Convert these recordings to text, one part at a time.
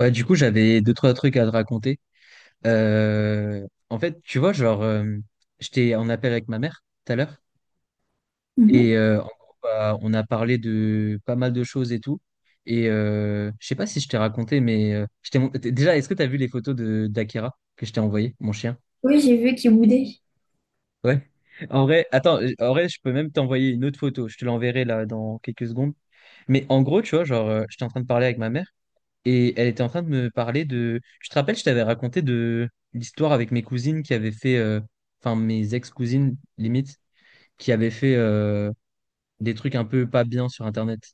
Ouais, du coup, j'avais deux, trois trucs à te raconter. Euh, en fait, tu vois, j'étais en appel avec ma mère tout à l'heure. Mhm. En gros, bah, on a parlé de pas mal de choses et tout. Je sais pas si je t'ai raconté, mais déjà, est-ce que t'as vu les photos de d'Akira que je t'ai envoyé, mon chien? Oui, j'ai vu qu'il boudait. Ouais. En vrai, attends, en vrai, je peux même t'envoyer une autre photo. Je te l'enverrai là dans quelques secondes. Mais en gros, tu vois, j'étais en train de parler avec ma mère. Et elle était en train de me parler de... Je te rappelle, je t'avais raconté de l'histoire avec mes cousines qui avaient fait... Enfin, mes ex-cousines, limite, qui avaient fait des trucs un peu pas bien sur Internet.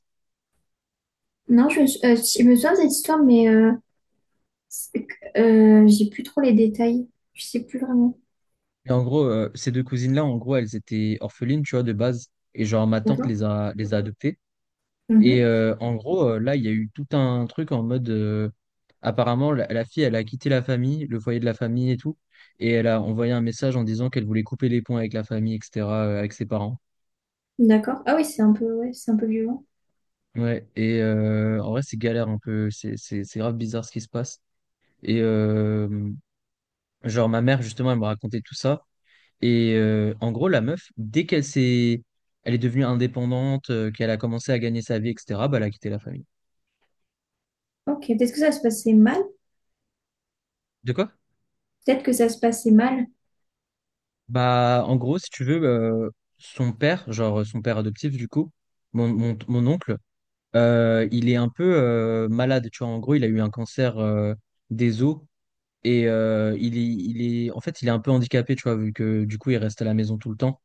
Non, je me souviens de cette histoire, mais j'ai plus trop les détails. Je sais plus vraiment. Et en gros, ces deux cousines-là, en gros, elles étaient orphelines, tu vois, de base. Et genre, ma tante D'accord. Les a adoptées. Mhm. En gros, là, il y a eu tout un truc en mode... apparemment, la fille, elle a quitté la famille, le foyer de la famille et tout. Et elle a envoyé un message en disant qu'elle voulait couper les ponts avec la famille, etc., avec ses parents. D'accord. Ah oui, c'est un peu, ouais, c'est un peu violent. Ouais, en vrai, c'est galère un peu. C'est grave bizarre ce qui se passe. Et euh, genre, ma mère, justement, elle me racontait tout ça. En gros, la meuf, dès qu'elle s'est. Elle est devenue indépendante, qu'elle a commencé à gagner sa vie, etc., bah, elle a quitté la famille. Ok. Peut-être que ça se passait mal. De quoi? Peut-être que ça se passait mal. Bah, en gros, si tu veux, son père, genre son père adoptif, du coup, mon oncle, il est un peu malade. Tu vois, en gros, il a eu un cancer des os. Il est, en fait, il est un peu handicapé, tu vois, vu que du coup, il reste à la maison tout le temps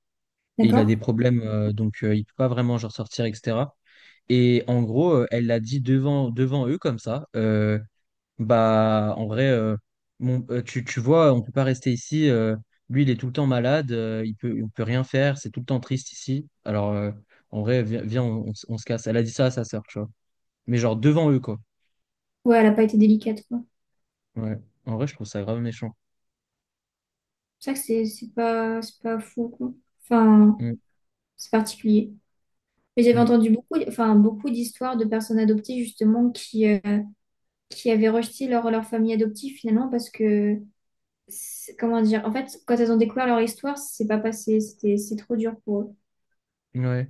et il a des D'accord. problèmes, donc il peut pas vraiment genre sortir, etc. Et en gros, elle l'a dit devant eux comme ça. Bah, en vrai, tu vois, on peut pas rester ici. Lui, il est tout le temps malade. On peut rien faire. C'est tout le temps triste ici. Alors, en vrai, viens, on se casse. Elle a dit ça à sa sœur, tu vois. Mais genre devant eux, quoi. Ouais, elle a pas été délicate, quoi. Ouais. En vrai, je trouve ça grave méchant. C'est vrai que c'est pas, c'est pas fou, quoi. Enfin, Mm, c'est particulier. Mais j'avais mm. entendu beaucoup, enfin, beaucoup d'histoires de personnes adoptées, justement, qui avaient rejeté leur famille adoptive, finalement, parce que comment dire, en fait, quand elles ont découvert leur histoire, c'est pas passé, c'était, c'est trop dur pour eux. Ouais.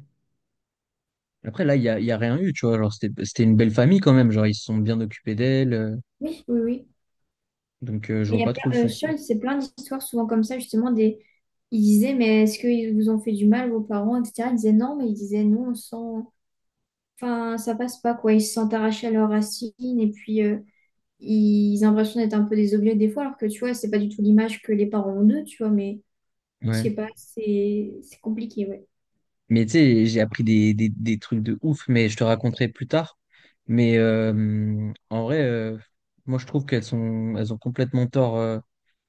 Après, là, il y a rien eu, tu vois. Genre, c'était une belle famille quand même. Genre, ils se sont bien occupés d'elle. Oui. Oui, oui. Donc, je Mais il vois y a pas trop le plein, souci. C'est plein d'histoires souvent comme ça, justement, ils disaient, mais est-ce qu'ils vous ont fait du mal, vos parents, etc. Ils disaient non, mais ils disaient non, on sent, enfin, ça passe pas, quoi. Ils se sentent arrachés à leurs racines et puis ils ont l'impression d'être un peu des objets des fois, alors que tu vois, c'est pas du tout l'image que les parents ont d'eux, tu vois, mais je Ouais. sais pas, c'est compliqué, ouais. Mais tu sais, j'ai appris des trucs de ouf, mais je te raconterai plus tard. Mais en vrai, moi, je trouve elles ont complètement tort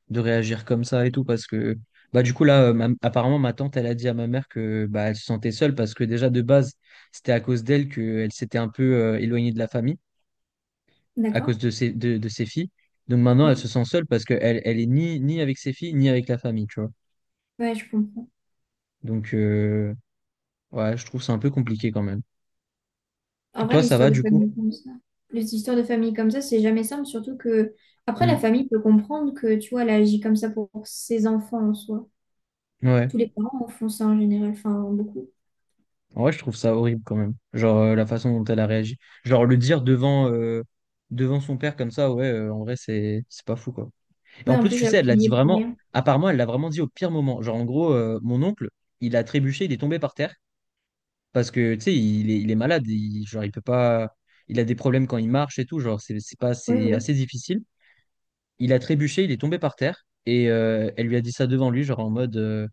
de réagir comme ça et tout. Parce que, bah, du coup, là, apparemment, ma tante, elle a dit à ma mère que, bah, elle se sentait seule parce que déjà, de base, c'était à cause d'elle qu'elle s'était un peu éloignée de la famille. À D'accord? cause de de ses filles. Donc maintenant, elle se Oui, sent seule parce qu'elle elle est ni avec ses filles, ni avec la famille, tu vois. ouais, je comprends. Donc, ouais, je trouve ça un peu compliqué quand même. En vrai, Toi, ça l'histoire va de du coup? famille comme ça, les histoires de famille comme ça, c'est jamais simple, surtout que après la Mm. famille peut comprendre que tu vois, elle agit comme ça pour ses enfants en soi. Ouais. Tous les parents en font ça en général, enfin beaucoup. En vrai, je trouve ça horrible quand même. Genre, la façon dont elle a réagi. Genre, le dire devant son père comme ça, ouais, en vrai, c'est pas fou, quoi. Et Oui, en en plus, plus tu sais, alors elle l'a qu'il y dit est pour vraiment, rien. apparemment, elle l'a vraiment dit au pire moment. Genre, en gros, mon oncle, il a trébuché, il est tombé par terre. Parce que, tu sais, il est malade. Il, genre, il peut pas. Il a des problèmes quand il marche et tout. Genre, c'est pas, Oui, c'est oui. assez difficile. Il a trébuché, il est tombé par terre. Elle lui a dit ça devant lui, genre en mode.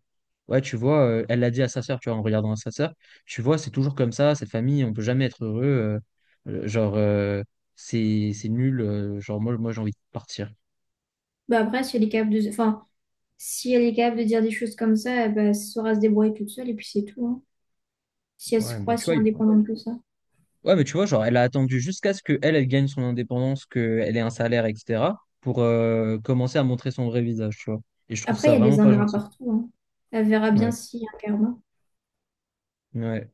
Ouais, tu vois, elle l'a dit à sa sœur, tu vois, en regardant à sa sœur. Tu vois, c'est toujours comme ça, cette famille, on peut jamais être heureux. euh, genre, euh, c'est nul. Genre, moi j'ai envie de partir. Bah après, si elle est capable de, enfin, si elle est capable de dire des choses comme ça, bah, elle saura se débrouiller toute seule et puis c'est tout, hein. Si elle se Ouais, mais croit tu si vois, indépendante que ça. Ouais, mais tu vois, genre, elle a attendu jusqu'à ce que elle gagne son indépendance, qu'elle ait un salaire, etc., pour commencer à montrer son vrai visage, tu vois. Et je trouve Après, il ça y a vraiment des pas ingrats gentil. partout, hein. Elle verra bien Ouais, s'il y a un karma. ouais.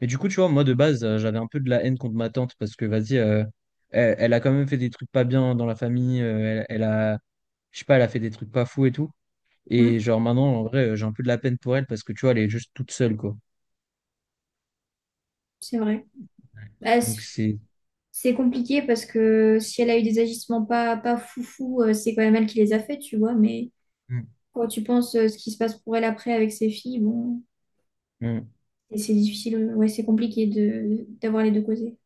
Mais du coup, tu vois, moi, de base, j'avais un peu de la haine contre ma tante parce que, vas-y, elle a quand même fait des trucs pas bien dans la famille. Elle a, je sais pas, elle a fait des trucs pas fous et tout. Et Hum, genre, maintenant, en vrai, j'ai un peu de la peine pour elle parce que, tu vois, elle est juste toute seule, quoi. c'est vrai. Bah, Donc, c'est. c'est compliqué parce que si elle a eu des agissements pas foufou, c'est quand même elle qui les a faits, tu vois. Mais Mm, quand tu penses ce qui se passe pour elle après avec ses filles, bon, mm. et c'est difficile, ouais, c'est compliqué de d'avoir les deux causés.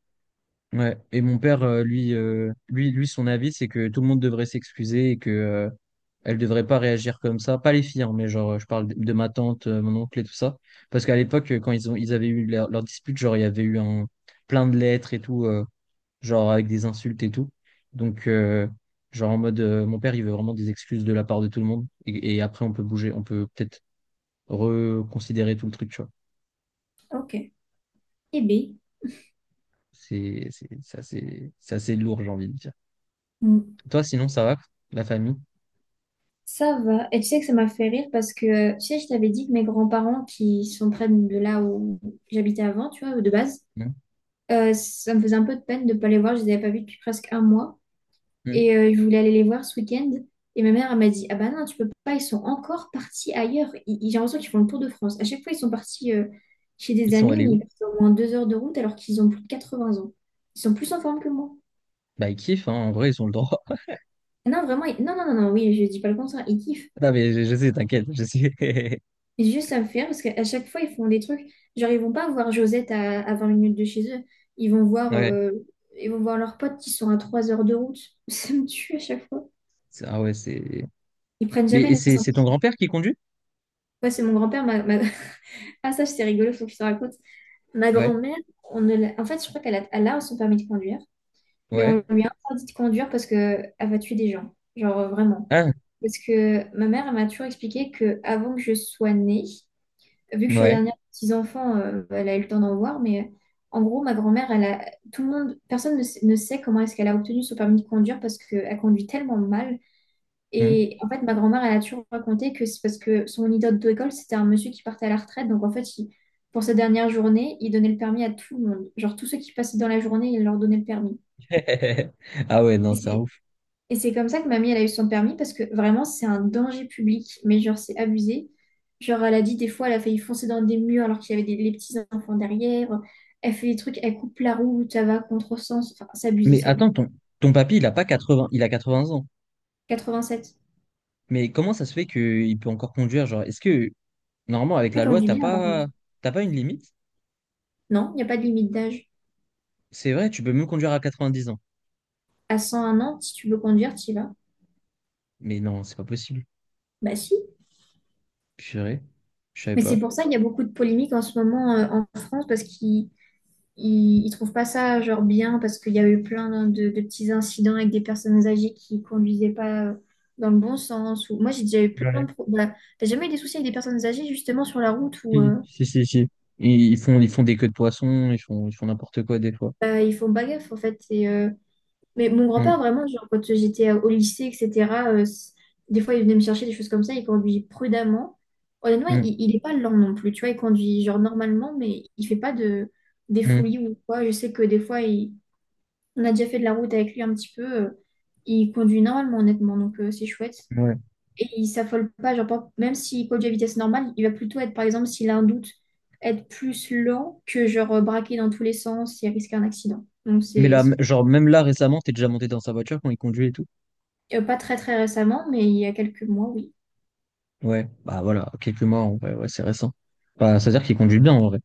Ouais. Et mon père, lui, son avis, c'est que tout le monde devrait s'excuser et que elle devrait pas réagir comme ça. Pas les filles, hein, mais genre, je parle de ma tante, mon oncle et tout ça. Parce qu'à l'époque, quand ils avaient eu leur dispute, genre, il y avait eu un, plein de lettres et tout, genre avec des insultes et tout. Donc, genre en mode, mon père, il veut vraiment des excuses de la part de tout le monde. Et après, on peut bouger, on peut peut-être reconsidérer tout le truc, tu vois. Ok. Eh bien, C'est assez lourd, j'ai envie de dire. Toi, sinon, ça va, la famille? ça va. Et tu sais que ça m'a fait rire parce que, tu sais, je t'avais dit que mes grands-parents qui sont près de là où j'habitais avant, tu vois, de base, Mmh, ça me faisait un peu de peine de ne pas les voir, je les avais pas vus depuis presque un mois. mmh. Et je voulais aller les voir ce week-end. Et ma mère, elle m'a dit, ah bah non, tu peux pas, ils sont encore partis ailleurs. J'ai l'impression qu'ils font le tour de France. À chaque fois, ils sont partis chez Ils des sont amis, allés mais où? ils partent au moins 2 heures de route alors qu'ils ont plus de 80 ans. Ils sont plus en forme que moi. Bah, ils kiffent, hein, en vrai, ils ont le droit. Ah non, vraiment, non, non, non, non, oui, je dis pas le contraire, ils kiffent. Non, mais je sais, t'inquiète, je sais. Mais juste, ça me fait rire parce qu'à chaque fois, ils font des trucs. Genre, ils vont pas voir Josette à 20 minutes de chez eux. Ils vont voir, Ouais. euh, ils vont voir leurs potes qui sont à 3 heures de route. Ça me tue à chaque fois. C'est- Ah ouais, c'est. Ils prennent Mais jamais la c'est ton sortie. grand-père qui conduit? Ouais, c'est mon grand-père, Ah, ça, c'est rigolo, faut que je te raconte. Ma Ouais, grand-mère, on ne l'a- en fait, je crois qu'elle a, son permis de conduire, mais ouais. on lui a interdit de conduire parce qu'elle va tuer des gens. Genre, vraiment. Ah, Parce que ma mère, elle m'a toujours expliqué que avant que je sois née, vu que je suis la ouais. dernière des petits-enfants, elle a eu le temps d'en voir, mais en gros, ma grand-mère, tout le monde, personne ne sait comment est-ce qu'elle a obtenu son permis de conduire parce qu'elle conduit tellement mal Mmh. et en fait, ma grand-mère, elle a toujours raconté que c'est parce que son idole d'école, c'était un monsieur qui partait à la retraite. Donc, en fait, pour sa dernière journée, il donnait le permis à tout le monde. Genre, tous ceux qui passaient dans la journée, il leur donnait le permis. Ah ouais, non, Et c'est un c'est ouf. et c'est comme ça que mamie, elle a eu son permis parce que vraiment, c'est un danger public. Mais genre, c'est abusé. Genre, elle a dit des fois, elle a failli foncer dans des murs alors qu'il y avait les petits enfants derrière. Elle fait des trucs, elle coupe la route, elle va à contresens. Enfin, c'est abusé, Mais c'est abusé. attends, ton papy, il a pas 80, il a 80 ans. 87. Mais comment ça se fait qu'il peut encore conduire? Genre, est-ce que, normalement, avec Elle la loi, conduit bien, par contre. T'as pas une limite? Non, il n'y a pas de limite d'âge. C'est vrai, tu peux même conduire à 90 ans. À 101 ans, si tu veux conduire, tu y vas. Mais non, c'est pas possible. Bah si. Purée, je savais Mais pas. c'est pour ça qu'il y a beaucoup de polémiques en ce moment en France parce qu'ils ils, ils trouvent pas ça genre bien parce qu'il y a eu plein de petits incidents avec des personnes âgées qui conduisaient pas dans le bon sens. Ou... Moi, j'ai déjà eu plein de... pro- Bah, t'as jamais eu des soucis avec des personnes âgées justement sur la route où Si, si, si, si. Et ils font, des queues de poisson, ils font n'importe quoi des fois. bah, ils font pas gaffe en fait. Mais mon grand-père, Mm, vraiment, genre, quand j'étais au lycée, etc., des fois, il venait me chercher des choses comme ça, il conduit prudemment. Honnêtement, mm, il est pas lent non plus, tu vois, il conduit genre normalement, mais il fait pas des mm. folies ou quoi. Je sais que des fois, on a déjà fait de la route avec lui un petit peu, il conduit normalement, honnêtement, donc c'est chouette. Ouais. Et il s'affole pas, genre, même s'il conduit à vitesse normale, il va plutôt être, par exemple, s'il a un doute, être plus lent que genre braquer dans tous les sens et risquer un accident. Donc Mais c'est. là, genre, même là, récemment, t'es déjà monté dans sa voiture quand il conduit et tout. Pas très très récemment, mais il y a quelques mois, oui. Ouais, bah voilà, quelques mois, en vrai, ouais, c'est récent. Bah, c'est-à-dire qu'il conduit bien, en vrai.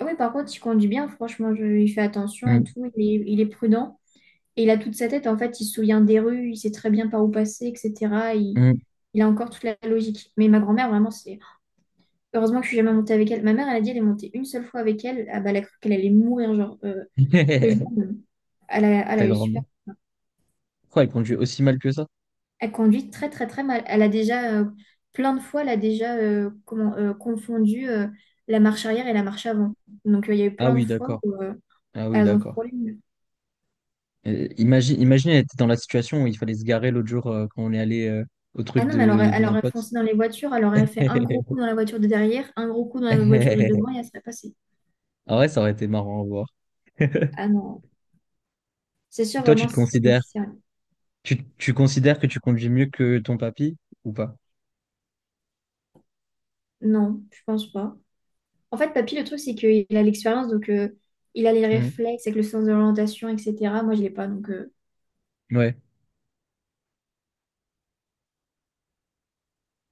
Ah oui, par contre, il conduit bien, franchement, il fait attention et Mm, tout, il est prudent. Et il a toute sa tête, en fait, il se souvient des rues, il sait très bien par où passer, etc. Il, mm. il a encore toute la logique. Mais ma grand-mère, vraiment, c'est... Heureusement que je suis jamais montée avec elle. Ma mère, elle a dit, elle est montée une seule fois avec elle. Ah bah, elle a cru qu'elle allait mourir, genre, le jour où- Elle a, elle Ta a eu super... grand-mère. Quoi, il conduit aussi mal que ça? Elle conduit très très très mal. Plein de fois, elle a déjà confondu la marche arrière et la marche avant. Donc il y a eu Ah plein de oui, fois d'accord. où Ah oui, elles ont d'accord. frôlé. Imagine, elle était dans la situation où il fallait se garer l'autre jour quand on est allé au Ah truc non, mais elle aurait, de elle mon aurait pote. foncé dans les voitures, elle aurait fait un gros coup dans la voiture de derrière, un gros coup dans la voiture de devant et elle serait passée. Ah ouais, ça aurait été marrant à voir. Ah non, c'est sûr Toi, tu vraiment, te c'est considères sérieux. Tu considères que tu conduis mieux que ton papy ou pas? Non, je pense pas. En fait, papy, le truc, c'est qu'il a l'expérience, donc il a les Hmm. réflexes avec le sens de l'orientation, etc. Moi, je l'ai pas, donc... Ouais.